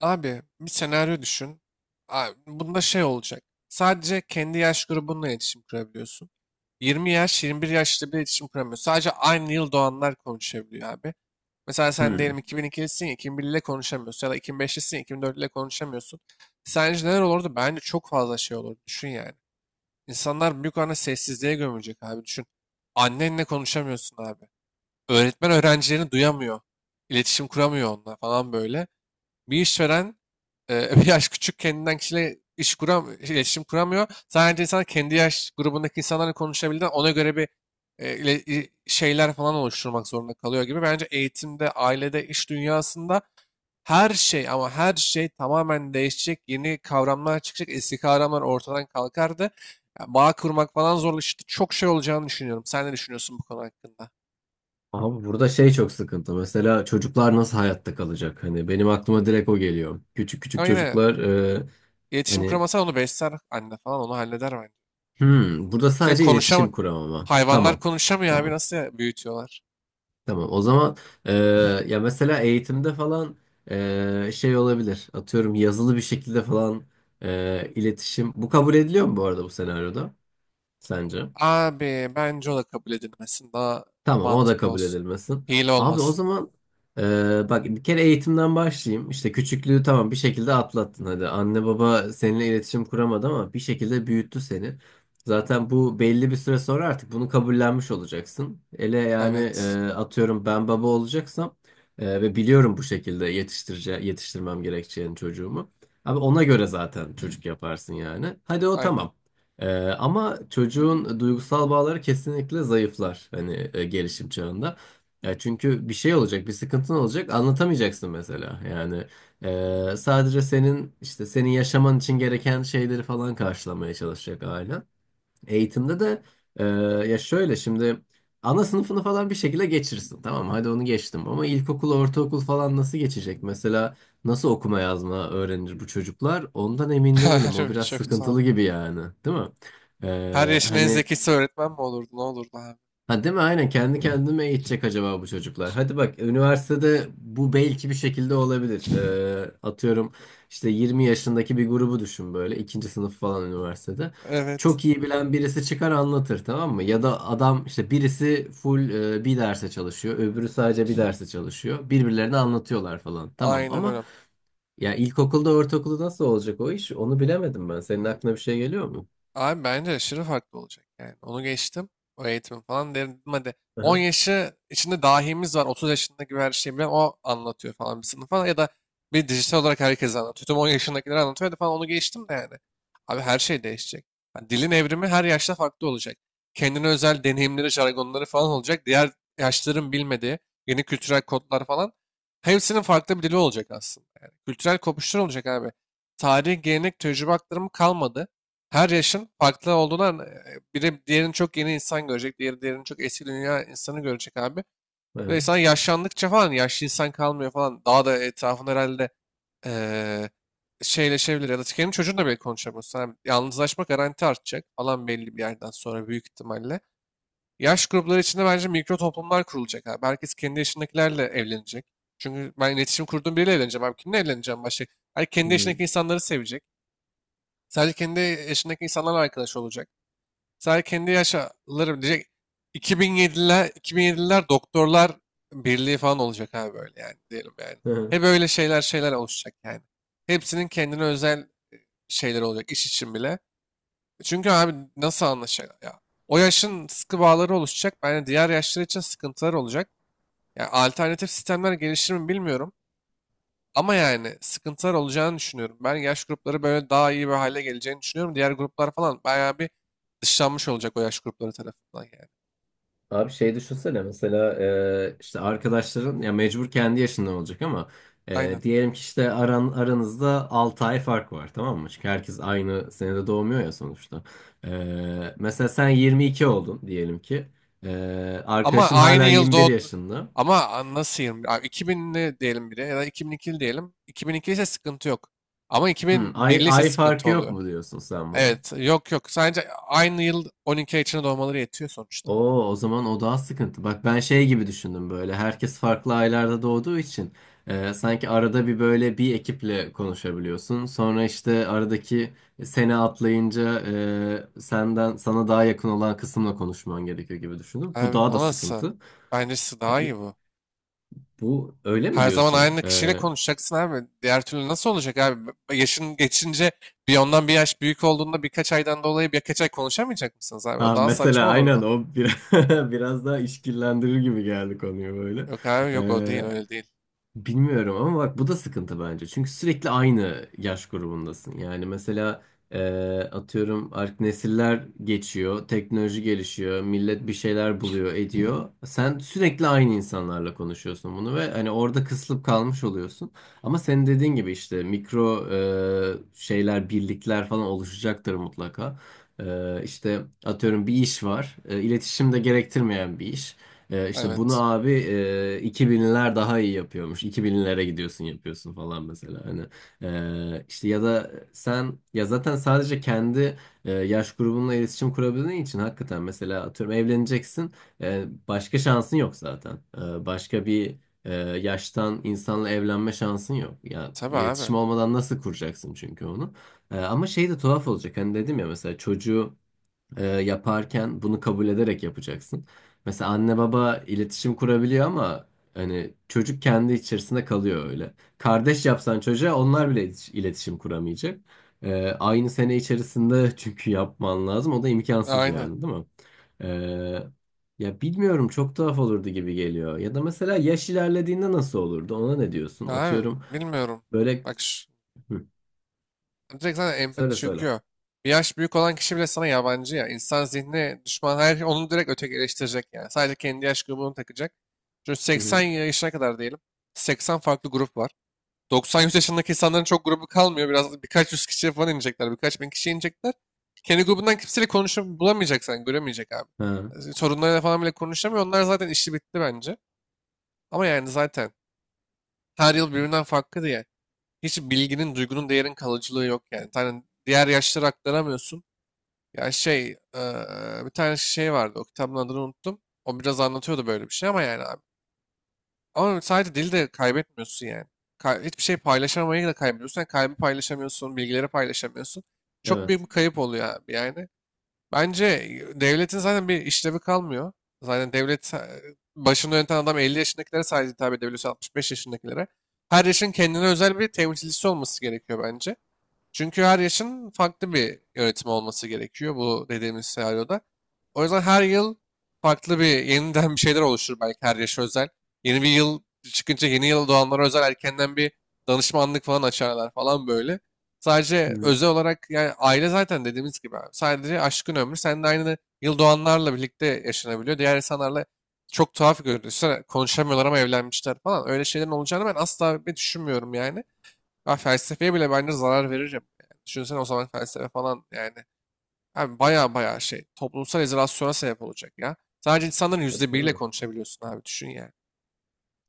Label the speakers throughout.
Speaker 1: Abi, bir senaryo düşün. Abi, bunda şey olacak. Sadece kendi yaş grubunla iletişim kurabiliyorsun. 20 yaş, 21 yaşlı bir iletişim kuramıyor. Sadece aynı yıl doğanlar konuşabiliyor abi. Mesela sen diyelim
Speaker 2: Hmm.
Speaker 1: 2002'lisin ya 2001 ile konuşamıyorsun, ya da 2005'lisin ya 2004 ile konuşamıyorsun. Sence neler olurdu? Bence çok fazla şey olurdu. Düşün yani. İnsanlar büyük oranda sessizliğe gömülecek abi. Düşün. Annenle konuşamıyorsun abi. Öğretmen öğrencilerini duyamıyor. İletişim kuramıyor onunla falan böyle. Bir işveren bir yaş küçük kendinden kişiyle iletişim kuramıyor. Sadece insan kendi yaş grubundaki insanlarla konuşabildiğinden ona göre bir şeyler falan oluşturmak zorunda kalıyor gibi. Bence eğitimde, ailede, iş dünyasında her şey, ama her şey tamamen değişecek. Yeni kavramlar çıkacak. Eski kavramlar ortadan kalkardı. Yani bağ kurmak falan zorlaştı. Çok şey olacağını düşünüyorum. Sen ne düşünüyorsun bu konu hakkında?
Speaker 2: Abi burada şey çok sıkıntı. Mesela çocuklar nasıl hayatta kalacak? Hani benim aklıma direkt o geliyor. Küçük küçük
Speaker 1: Ama yine
Speaker 2: çocuklar
Speaker 1: iletişim
Speaker 2: hani
Speaker 1: kuramasa onu besler anne falan, onu halleder bence.
Speaker 2: burada
Speaker 1: Çünkü
Speaker 2: sadece iletişim kuramama.
Speaker 1: hayvanlar
Speaker 2: Tamam.
Speaker 1: konuşamıyor abi,
Speaker 2: Tamam.
Speaker 1: nasıl büyütüyorlar?
Speaker 2: Tamam. O zaman e, ya mesela eğitimde falan şey olabilir. Atıyorum yazılı bir şekilde falan iletişim. Bu kabul ediliyor mu bu arada bu senaryoda sence?
Speaker 1: Abi bence o da kabul edilmesin. Daha
Speaker 2: Tamam, o da
Speaker 1: mantıklı
Speaker 2: kabul
Speaker 1: olsun.
Speaker 2: edilmesin.
Speaker 1: Hile
Speaker 2: Abi o
Speaker 1: olmasın.
Speaker 2: zaman bak bir kere eğitimden başlayayım. İşte küçüklüğü tamam bir şekilde atlattın hadi. Anne baba seninle iletişim kuramadı ama bir şekilde büyüttü seni. Zaten bu belli bir süre sonra artık bunu kabullenmiş olacaksın. Ele yani
Speaker 1: Evet.
Speaker 2: atıyorum ben baba olacaksam ve biliyorum bu şekilde yetiştirmem gerekeceğini çocuğumu. Abi ona göre zaten çocuk yaparsın yani. Hadi o
Speaker 1: Aynen.
Speaker 2: tamam. Ee, ama çocuğun duygusal bağları kesinlikle zayıflar hani gelişim çağında. Çünkü bir şey olacak, bir sıkıntın olacak, anlatamayacaksın mesela. Yani sadece senin işte senin yaşaman için gereken şeyleri falan karşılamaya çalışacak aile. Eğitimde de e, ya şöyle şimdi ana sınıfını falan bir şekilde geçirsin. Tamam hadi onu geçtim ama ilkokul, ortaokul falan nasıl geçecek? Mesela nasıl okuma yazma öğrenir bu çocuklar? Ondan emin değilim. O
Speaker 1: Harbi
Speaker 2: biraz
Speaker 1: çok tuhaf.
Speaker 2: sıkıntılı gibi yani, değil mi? E,
Speaker 1: Her yaşın en
Speaker 2: hani
Speaker 1: zekisi öğretmen mi olurdu? Ne olurdu abi?
Speaker 2: Ha, değil mi? Aynen, kendi kendime eğitecek acaba bu çocuklar. Hadi bak üniversitede bu belki bir şekilde olabilir. Atıyorum işte 20 yaşındaki bir grubu düşün böyle ikinci sınıf falan üniversitede.
Speaker 1: Evet.
Speaker 2: Çok iyi bilen birisi çıkar anlatır tamam mı? Ya da adam işte birisi full bir derse çalışıyor, öbürü sadece bir derse çalışıyor. Birbirlerine anlatıyorlar falan. Tamam
Speaker 1: Aynen
Speaker 2: ama
Speaker 1: öyle.
Speaker 2: ya ilkokulda ortaokulda nasıl olacak o iş? Onu bilemedim ben. Senin aklına bir şey geliyor mu?
Speaker 1: Abi bence aşırı farklı olacak yani. Onu geçtim. O eğitim falan derim hadi. 10
Speaker 2: Aha,
Speaker 1: yaşı içinde dahimiz var. 30 yaşında gibi her şeyi bilen o anlatıyor falan bir sınıfa, ya da bir dijital olarak herkes anlatıyor. Tüm 10 yaşındakiler anlatıyor hadi falan, onu geçtim de yani. Abi her şey değişecek. Yani dilin evrimi her yaşta farklı olacak. Kendine özel deneyimleri, jargonları falan olacak. Diğer yaşların bilmediği yeni kültürel kodlar falan. Hepsinin farklı bir dili olacak aslında. Yani kültürel kopuşlar olacak abi. Tarih, gelenek, tecrübe aktarımı kalmadı, her yaşın farklı olduğundan biri diğerini çok yeni insan görecek, diğeri diğerini çok eski dünya insanı görecek abi. Ve
Speaker 2: aha,
Speaker 1: insan yaşlandıkça falan yaşlı insan kalmıyor falan. Daha da etrafında herhalde eee şeyleşebilir, ya da kendi çocuğunla bile konuşamıyorsun abi. Yalnızlaşma garanti artacak falan belli bir yerden sonra, büyük ihtimalle. Yaş grupları içinde bence mikro toplumlar kurulacak abi. Herkes kendi yaşındakilerle evlenecek. Çünkü ben iletişim kurduğum biriyle evleneceğim abi. Kimle evleneceğim başka? Her
Speaker 2: hı
Speaker 1: kendi
Speaker 2: hı.
Speaker 1: yaşındaki insanları sevecek. Sadece kendi yaşındaki insanlarla arkadaş olacak. Sadece kendi yaşlarım diyecek. 2007'ler, 2007'ler doktorlar birliği falan olacak abi, böyle yani, diyelim yani.
Speaker 2: Aha.
Speaker 1: Hep öyle şeyler oluşacak yani. Hepsinin kendine özel şeyleri olacak, iş için bile. Çünkü abi nasıl anlaşacak ya? O yaşın sıkı bağları oluşacak. Yani diğer yaşlar için sıkıntılar olacak. Yani alternatif sistemler gelişir mi bilmiyorum. Ama yani sıkıntılar olacağını düşünüyorum. Ben yaş grupları böyle daha iyi bir hale geleceğini düşünüyorum. Diğer gruplar falan bayağı bir dışlanmış olacak o yaş grupları tarafından yani.
Speaker 2: Abi şey düşünsene mesela işte arkadaşların ya mecbur kendi yaşında olacak ama
Speaker 1: Aynen.
Speaker 2: diyelim ki işte aranızda 6 ay fark var tamam mı? Çünkü herkes aynı senede doğmuyor ya sonuçta. E, mesela sen 22 oldun diyelim ki. E,
Speaker 1: Ama
Speaker 2: Arkadaşın
Speaker 1: aynı
Speaker 2: hala
Speaker 1: yıl
Speaker 2: 21
Speaker 1: doğdu.
Speaker 2: yaşında.
Speaker 1: Ama nasıl 20 abi, iki binli diyelim bir de, ya da 2002'li diyelim. 2002 ise sıkıntı yok. Ama
Speaker 2: Hmm, ay,
Speaker 1: 2001'li ise
Speaker 2: ay
Speaker 1: sıkıntı
Speaker 2: farkı yok
Speaker 1: oluyor.
Speaker 2: mu diyorsun sen buna?
Speaker 1: Evet, yok yok. Sadece aynı yıl, 12 ay içinde doğmaları yetiyor sonuçta.
Speaker 2: Oo, o zaman o daha sıkıntı. Bak ben şey gibi düşündüm böyle. Herkes farklı aylarda doğduğu için sanki arada bir böyle bir ekiple konuşabiliyorsun. Sonra işte aradaki sene atlayınca senden sana daha yakın olan kısımla konuşman gerekiyor gibi düşündüm. Bu
Speaker 1: Abi,
Speaker 2: daha da
Speaker 1: o nasıl?
Speaker 2: sıkıntı.
Speaker 1: Bence size daha
Speaker 2: E, e,
Speaker 1: iyi bu.
Speaker 2: bu öyle mi
Speaker 1: Her zaman
Speaker 2: diyorsun?
Speaker 1: aynı kişiyle konuşacaksın abi. Diğer türlü nasıl olacak abi? Yaşın geçince, bir ondan bir yaş büyük olduğunda, birkaç aydan dolayı birkaç ay konuşamayacak mısınız abi? O
Speaker 2: Ha
Speaker 1: daha saçma
Speaker 2: mesela aynen
Speaker 1: olurdu.
Speaker 2: o bir, biraz daha işkillendirir gibi geldi konuyu böyle.
Speaker 1: Yok abi, yok, o değil,
Speaker 2: E,
Speaker 1: öyle değil.
Speaker 2: Bilmiyorum ama bak bu da sıkıntı bence. Çünkü sürekli aynı yaş grubundasın. Yani mesela e, atıyorum artık nesiller geçiyor, teknoloji gelişiyor, millet bir şeyler buluyor, ediyor. Sen sürekli aynı insanlarla konuşuyorsun bunu ve hani orada kısılıp kalmış oluyorsun. Ama senin dediğin gibi işte mikro şeyler, birlikler falan oluşacaktır mutlaka. İşte atıyorum bir iş var, iletişim de gerektirmeyen bir iş. İşte
Speaker 1: Evet.
Speaker 2: bunu abi iki binler daha iyi yapıyormuş. İki binlere gidiyorsun yapıyorsun falan mesela. Hani işte ya da sen ya zaten sadece kendi yaş grubunla iletişim kurabildiğin için hakikaten mesela atıyorum evleneceksin. Başka şansın yok zaten. Başka bir yaştan insanla evlenme şansın yok. Ya
Speaker 1: Tabii abi.
Speaker 2: iletişim olmadan nasıl kuracaksın çünkü onu? Ama şey de tuhaf olacak. Hani dedim ya mesela çocuğu yaparken bunu kabul ederek yapacaksın. Mesela anne baba iletişim kurabiliyor ama hani çocuk kendi içerisinde kalıyor öyle. Kardeş yapsan çocuğa onlar bile iletişim kuramayacak. Aynı sene içerisinde çünkü yapman lazım. O da imkansız
Speaker 1: Aynen.
Speaker 2: yani değil mi? E, ya bilmiyorum çok tuhaf olurdu gibi geliyor. Ya da mesela yaş ilerlediğinde nasıl olurdu? Ona ne diyorsun?
Speaker 1: Abi
Speaker 2: Atıyorum
Speaker 1: bilmiyorum.
Speaker 2: böyle...
Speaker 1: Bak şu,
Speaker 2: Hı,
Speaker 1: direkt zaten empati
Speaker 2: söyle söyle.
Speaker 1: çöküyor. Bir yaş büyük olan kişi bile sana yabancı ya. İnsan zihni düşman, her şey onu direkt ötekileştirecek yani. Sadece kendi yaş grubunu takacak. Çünkü
Speaker 2: Hı
Speaker 1: 80
Speaker 2: hı.
Speaker 1: yaşına kadar diyelim. 80 farklı grup var. 90-100 yaşındaki insanların çok grubu kalmıyor. Biraz birkaç yüz kişiye falan inecekler. Birkaç bin kişiye inecekler. Kendi grubundan kimseyle konuşup bulamayacak sen. Göremeyecek abi.
Speaker 2: Ha,
Speaker 1: Sorunlarıyla falan bile konuşamıyor. Onlar zaten işi bitti bence. Ama yani zaten her yıl birbirinden farklı. Hiç bilginin, duygunun, değerin kalıcılığı yok yani. Tane diğer yaşlara aktaramıyorsun. Ya şey, bir tane şey vardı. O kitabın adını unuttum. O biraz anlatıyordu böyle bir şey, ama yani abi. Ama sadece dili de kaybetmiyorsun yani. Hiçbir şey paylaşamayı da kaybediyorsun. Yani kalbi paylaşamıyorsun, bilgileri paylaşamıyorsun. Çok büyük bir
Speaker 2: evet.
Speaker 1: kayıp oluyor abi yani. Bence devletin zaten bir işlevi kalmıyor. Zaten devlet, başını yöneten adam 50 yaşındakilere sadece hitap edebiliyorsa, 65 yaşındakilere. Her yaşın kendine özel bir temsilcisi olması gerekiyor bence. Çünkü her yaşın farklı bir yönetim olması gerekiyor bu dediğimiz senaryoda. O yüzden her yıl farklı bir yeniden bir şeyler oluşur belki, her yaşa özel. Yeni bir yıl çıkınca yeni yıl doğanlara özel erkenden bir danışmanlık falan açarlar falan böyle.
Speaker 2: Hı
Speaker 1: Sadece
Speaker 2: hı.
Speaker 1: özel olarak yani, aile zaten dediğimiz gibi abi. Sadece aşkın ömrü sen de aynı yıl doğanlarla birlikte yaşanabiliyor. Diğer insanlarla çok tuhaf görünüyor, konuşamıyorlar ama evlenmişler falan. Öyle şeylerin olacağını ben asla bir düşünmüyorum yani. Ha, felsefeye bile bence zarar veririm. Yani düşünsene o zaman felsefe falan yani. Abi baya baya şey, toplumsal izolasyona sebep olacak ya. Sadece insanların yüzde biriyle
Speaker 2: Tabii.
Speaker 1: konuşabiliyorsun abi, düşün yani.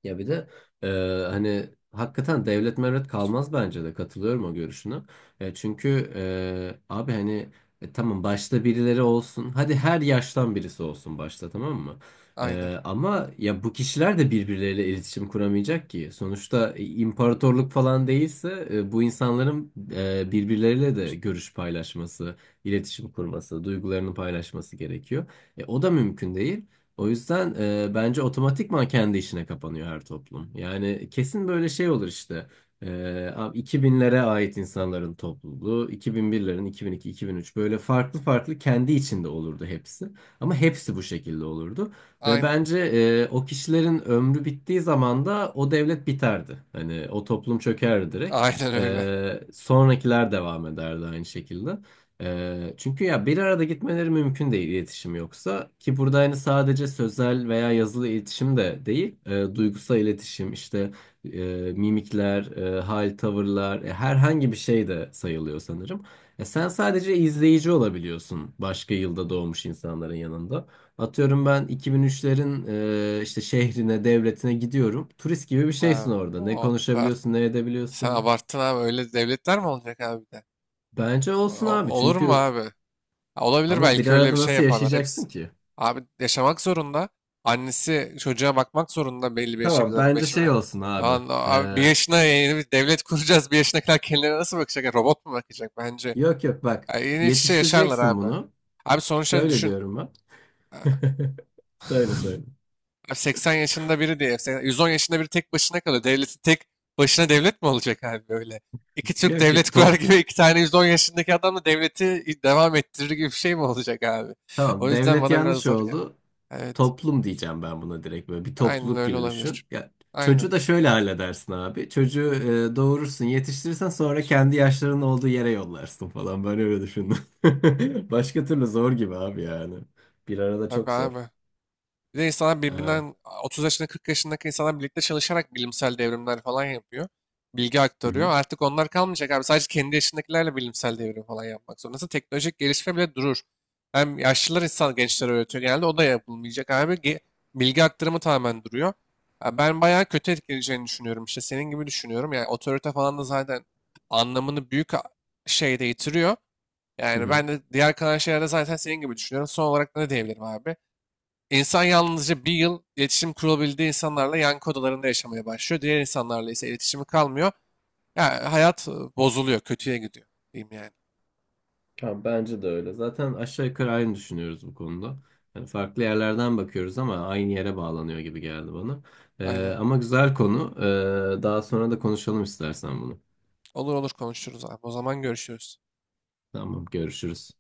Speaker 2: Ya bir de e, hani hakikaten devlet mevlet kalmaz bence de, katılıyorum o görüşüne. Çünkü abi hani tamam başta birileri olsun. Hadi her yaştan birisi olsun başta tamam mı?
Speaker 1: Aynen.
Speaker 2: Ama ya bu kişiler de birbirleriyle iletişim kuramayacak ki. Sonuçta imparatorluk falan değilse bu insanların birbirleriyle de görüş paylaşması, iletişim kurması, duygularını paylaşması gerekiyor. O da mümkün değil. O yüzden bence otomatikman kendi işine kapanıyor her toplum. Yani kesin böyle şey olur işte. E, Abi 2000'lere ait insanların topluluğu, 2001'lerin, 2002, 2003 böyle farklı farklı kendi içinde olurdu hepsi. Ama hepsi bu şekilde olurdu. Ve
Speaker 1: Aynen.
Speaker 2: bence o kişilerin ömrü bittiği zaman da o devlet biterdi. Hani o toplum çökerdi direkt.
Speaker 1: Aynen öyle.
Speaker 2: Sonrakiler devam ederdi aynı şekilde. Çünkü ya bir arada gitmeleri mümkün değil iletişim yoksa ki, burada hani sadece sözel veya yazılı iletişim de değil, duygusal iletişim işte, e, mimikler, hal tavırlar, herhangi bir şey de sayılıyor sanırım. Sen sadece izleyici olabiliyorsun başka yılda doğmuş insanların yanında. Atıyorum ben 2003'lerin işte şehrine devletine gidiyorum, turist gibi bir şeysin
Speaker 1: Abi,
Speaker 2: orada, ne
Speaker 1: o kadar.
Speaker 2: konuşabiliyorsun ne
Speaker 1: Sen
Speaker 2: edebiliyorsun.
Speaker 1: abarttın abi, öyle devletler mi olacak abi bir de?
Speaker 2: Bence olsun abi
Speaker 1: Olur mu
Speaker 2: çünkü
Speaker 1: abi? Ha, olabilir,
Speaker 2: ama bir
Speaker 1: belki öyle bir
Speaker 2: arada
Speaker 1: şey
Speaker 2: nasıl
Speaker 1: yaparlar
Speaker 2: yaşayacaksın
Speaker 1: hepsi.
Speaker 2: ki?
Speaker 1: Abi yaşamak zorunda. Annesi çocuğa bakmak zorunda belli bir yaşa
Speaker 2: Tamam
Speaker 1: kadar.
Speaker 2: bence şey
Speaker 1: Lan
Speaker 2: olsun abi.
Speaker 1: abi, bir
Speaker 2: Ee,
Speaker 1: yaşına yeni bir devlet kuracağız. Bir yaşına kadar kendilerine nasıl bakacak? Yani robot mu bakacak bence?
Speaker 2: yok yok bak
Speaker 1: Ya yeni iç içe yaşarlar
Speaker 2: yetiştireceksin
Speaker 1: abi.
Speaker 2: bunu.
Speaker 1: Abi sonuçta
Speaker 2: Şöyle
Speaker 1: düşün.
Speaker 2: diyorum ben.
Speaker 1: e,
Speaker 2: Söyle söyle.
Speaker 1: Abi 80 yaşında biri diye. 110 yaşında biri tek başına kalıyor. Devletin tek başına devlet mi olacak abi böyle? İki Türk
Speaker 2: Yok yok
Speaker 1: devlet kurar
Speaker 2: to
Speaker 1: gibi, iki tane 110 yaşındaki adamla devleti devam ettirir gibi bir şey mi olacak abi? O
Speaker 2: tamam
Speaker 1: yüzden
Speaker 2: devlet
Speaker 1: bana biraz
Speaker 2: yanlış
Speaker 1: zor geldi.
Speaker 2: oldu.
Speaker 1: Evet.
Speaker 2: Toplum diyeceğim ben buna, direkt böyle bir
Speaker 1: Aynen
Speaker 2: topluluk
Speaker 1: öyle
Speaker 2: gibi
Speaker 1: olabilir.
Speaker 2: düşün. Ya,
Speaker 1: Aynen.
Speaker 2: çocuğu da şöyle halledersin abi. Çocuğu doğurursun yetiştirirsen sonra kendi yaşlarının olduğu yere yollarsın falan. Ben öyle düşündüm. Başka türlü zor gibi abi yani. Bir arada
Speaker 1: Tabii
Speaker 2: çok zor.
Speaker 1: abi. Bir de insanlar
Speaker 2: Evet.
Speaker 1: birbirinden, 30 yaşında 40 yaşındaki insanlar birlikte çalışarak bilimsel devrimler falan yapıyor. Bilgi
Speaker 2: Hı
Speaker 1: aktarıyor.
Speaker 2: hı.
Speaker 1: Artık onlar kalmayacak abi. Sadece kendi yaşındakilerle bilimsel devrim falan yapmak zorundasın. Teknolojik gelişme bile durur. Hem yaşlılar insan gençlere öğretiyor genelde. O da yapılmayacak abi. Bilgi aktarımı tamamen duruyor. Ya ben bayağı kötü etkileyeceğini düşünüyorum. İşte senin gibi düşünüyorum. Yani otorite falan da zaten anlamını büyük şeyde yitiriyor.
Speaker 2: Hı
Speaker 1: Yani
Speaker 2: hı.
Speaker 1: ben de diğer kalan şeylerde zaten senin gibi düşünüyorum. Son olarak ne diyebilirim abi? İnsan yalnızca bir yıl iletişim kurabildiği insanlarla yankı odalarında yaşamaya başlıyor. Diğer insanlarla ise iletişimi kalmıyor. Ya hayat bozuluyor, kötüye gidiyor diyeyim yani.
Speaker 2: Ya bence de öyle. Zaten aşağı yukarı aynı düşünüyoruz bu konuda. Hani farklı yerlerden bakıyoruz ama aynı yere bağlanıyor gibi geldi bana.
Speaker 1: Aynen.
Speaker 2: Ama güzel konu. Daha sonra da konuşalım istersen bunu.
Speaker 1: Olur olur, konuşuruz abi. O zaman görüşürüz.
Speaker 2: Tamam, görüşürüz.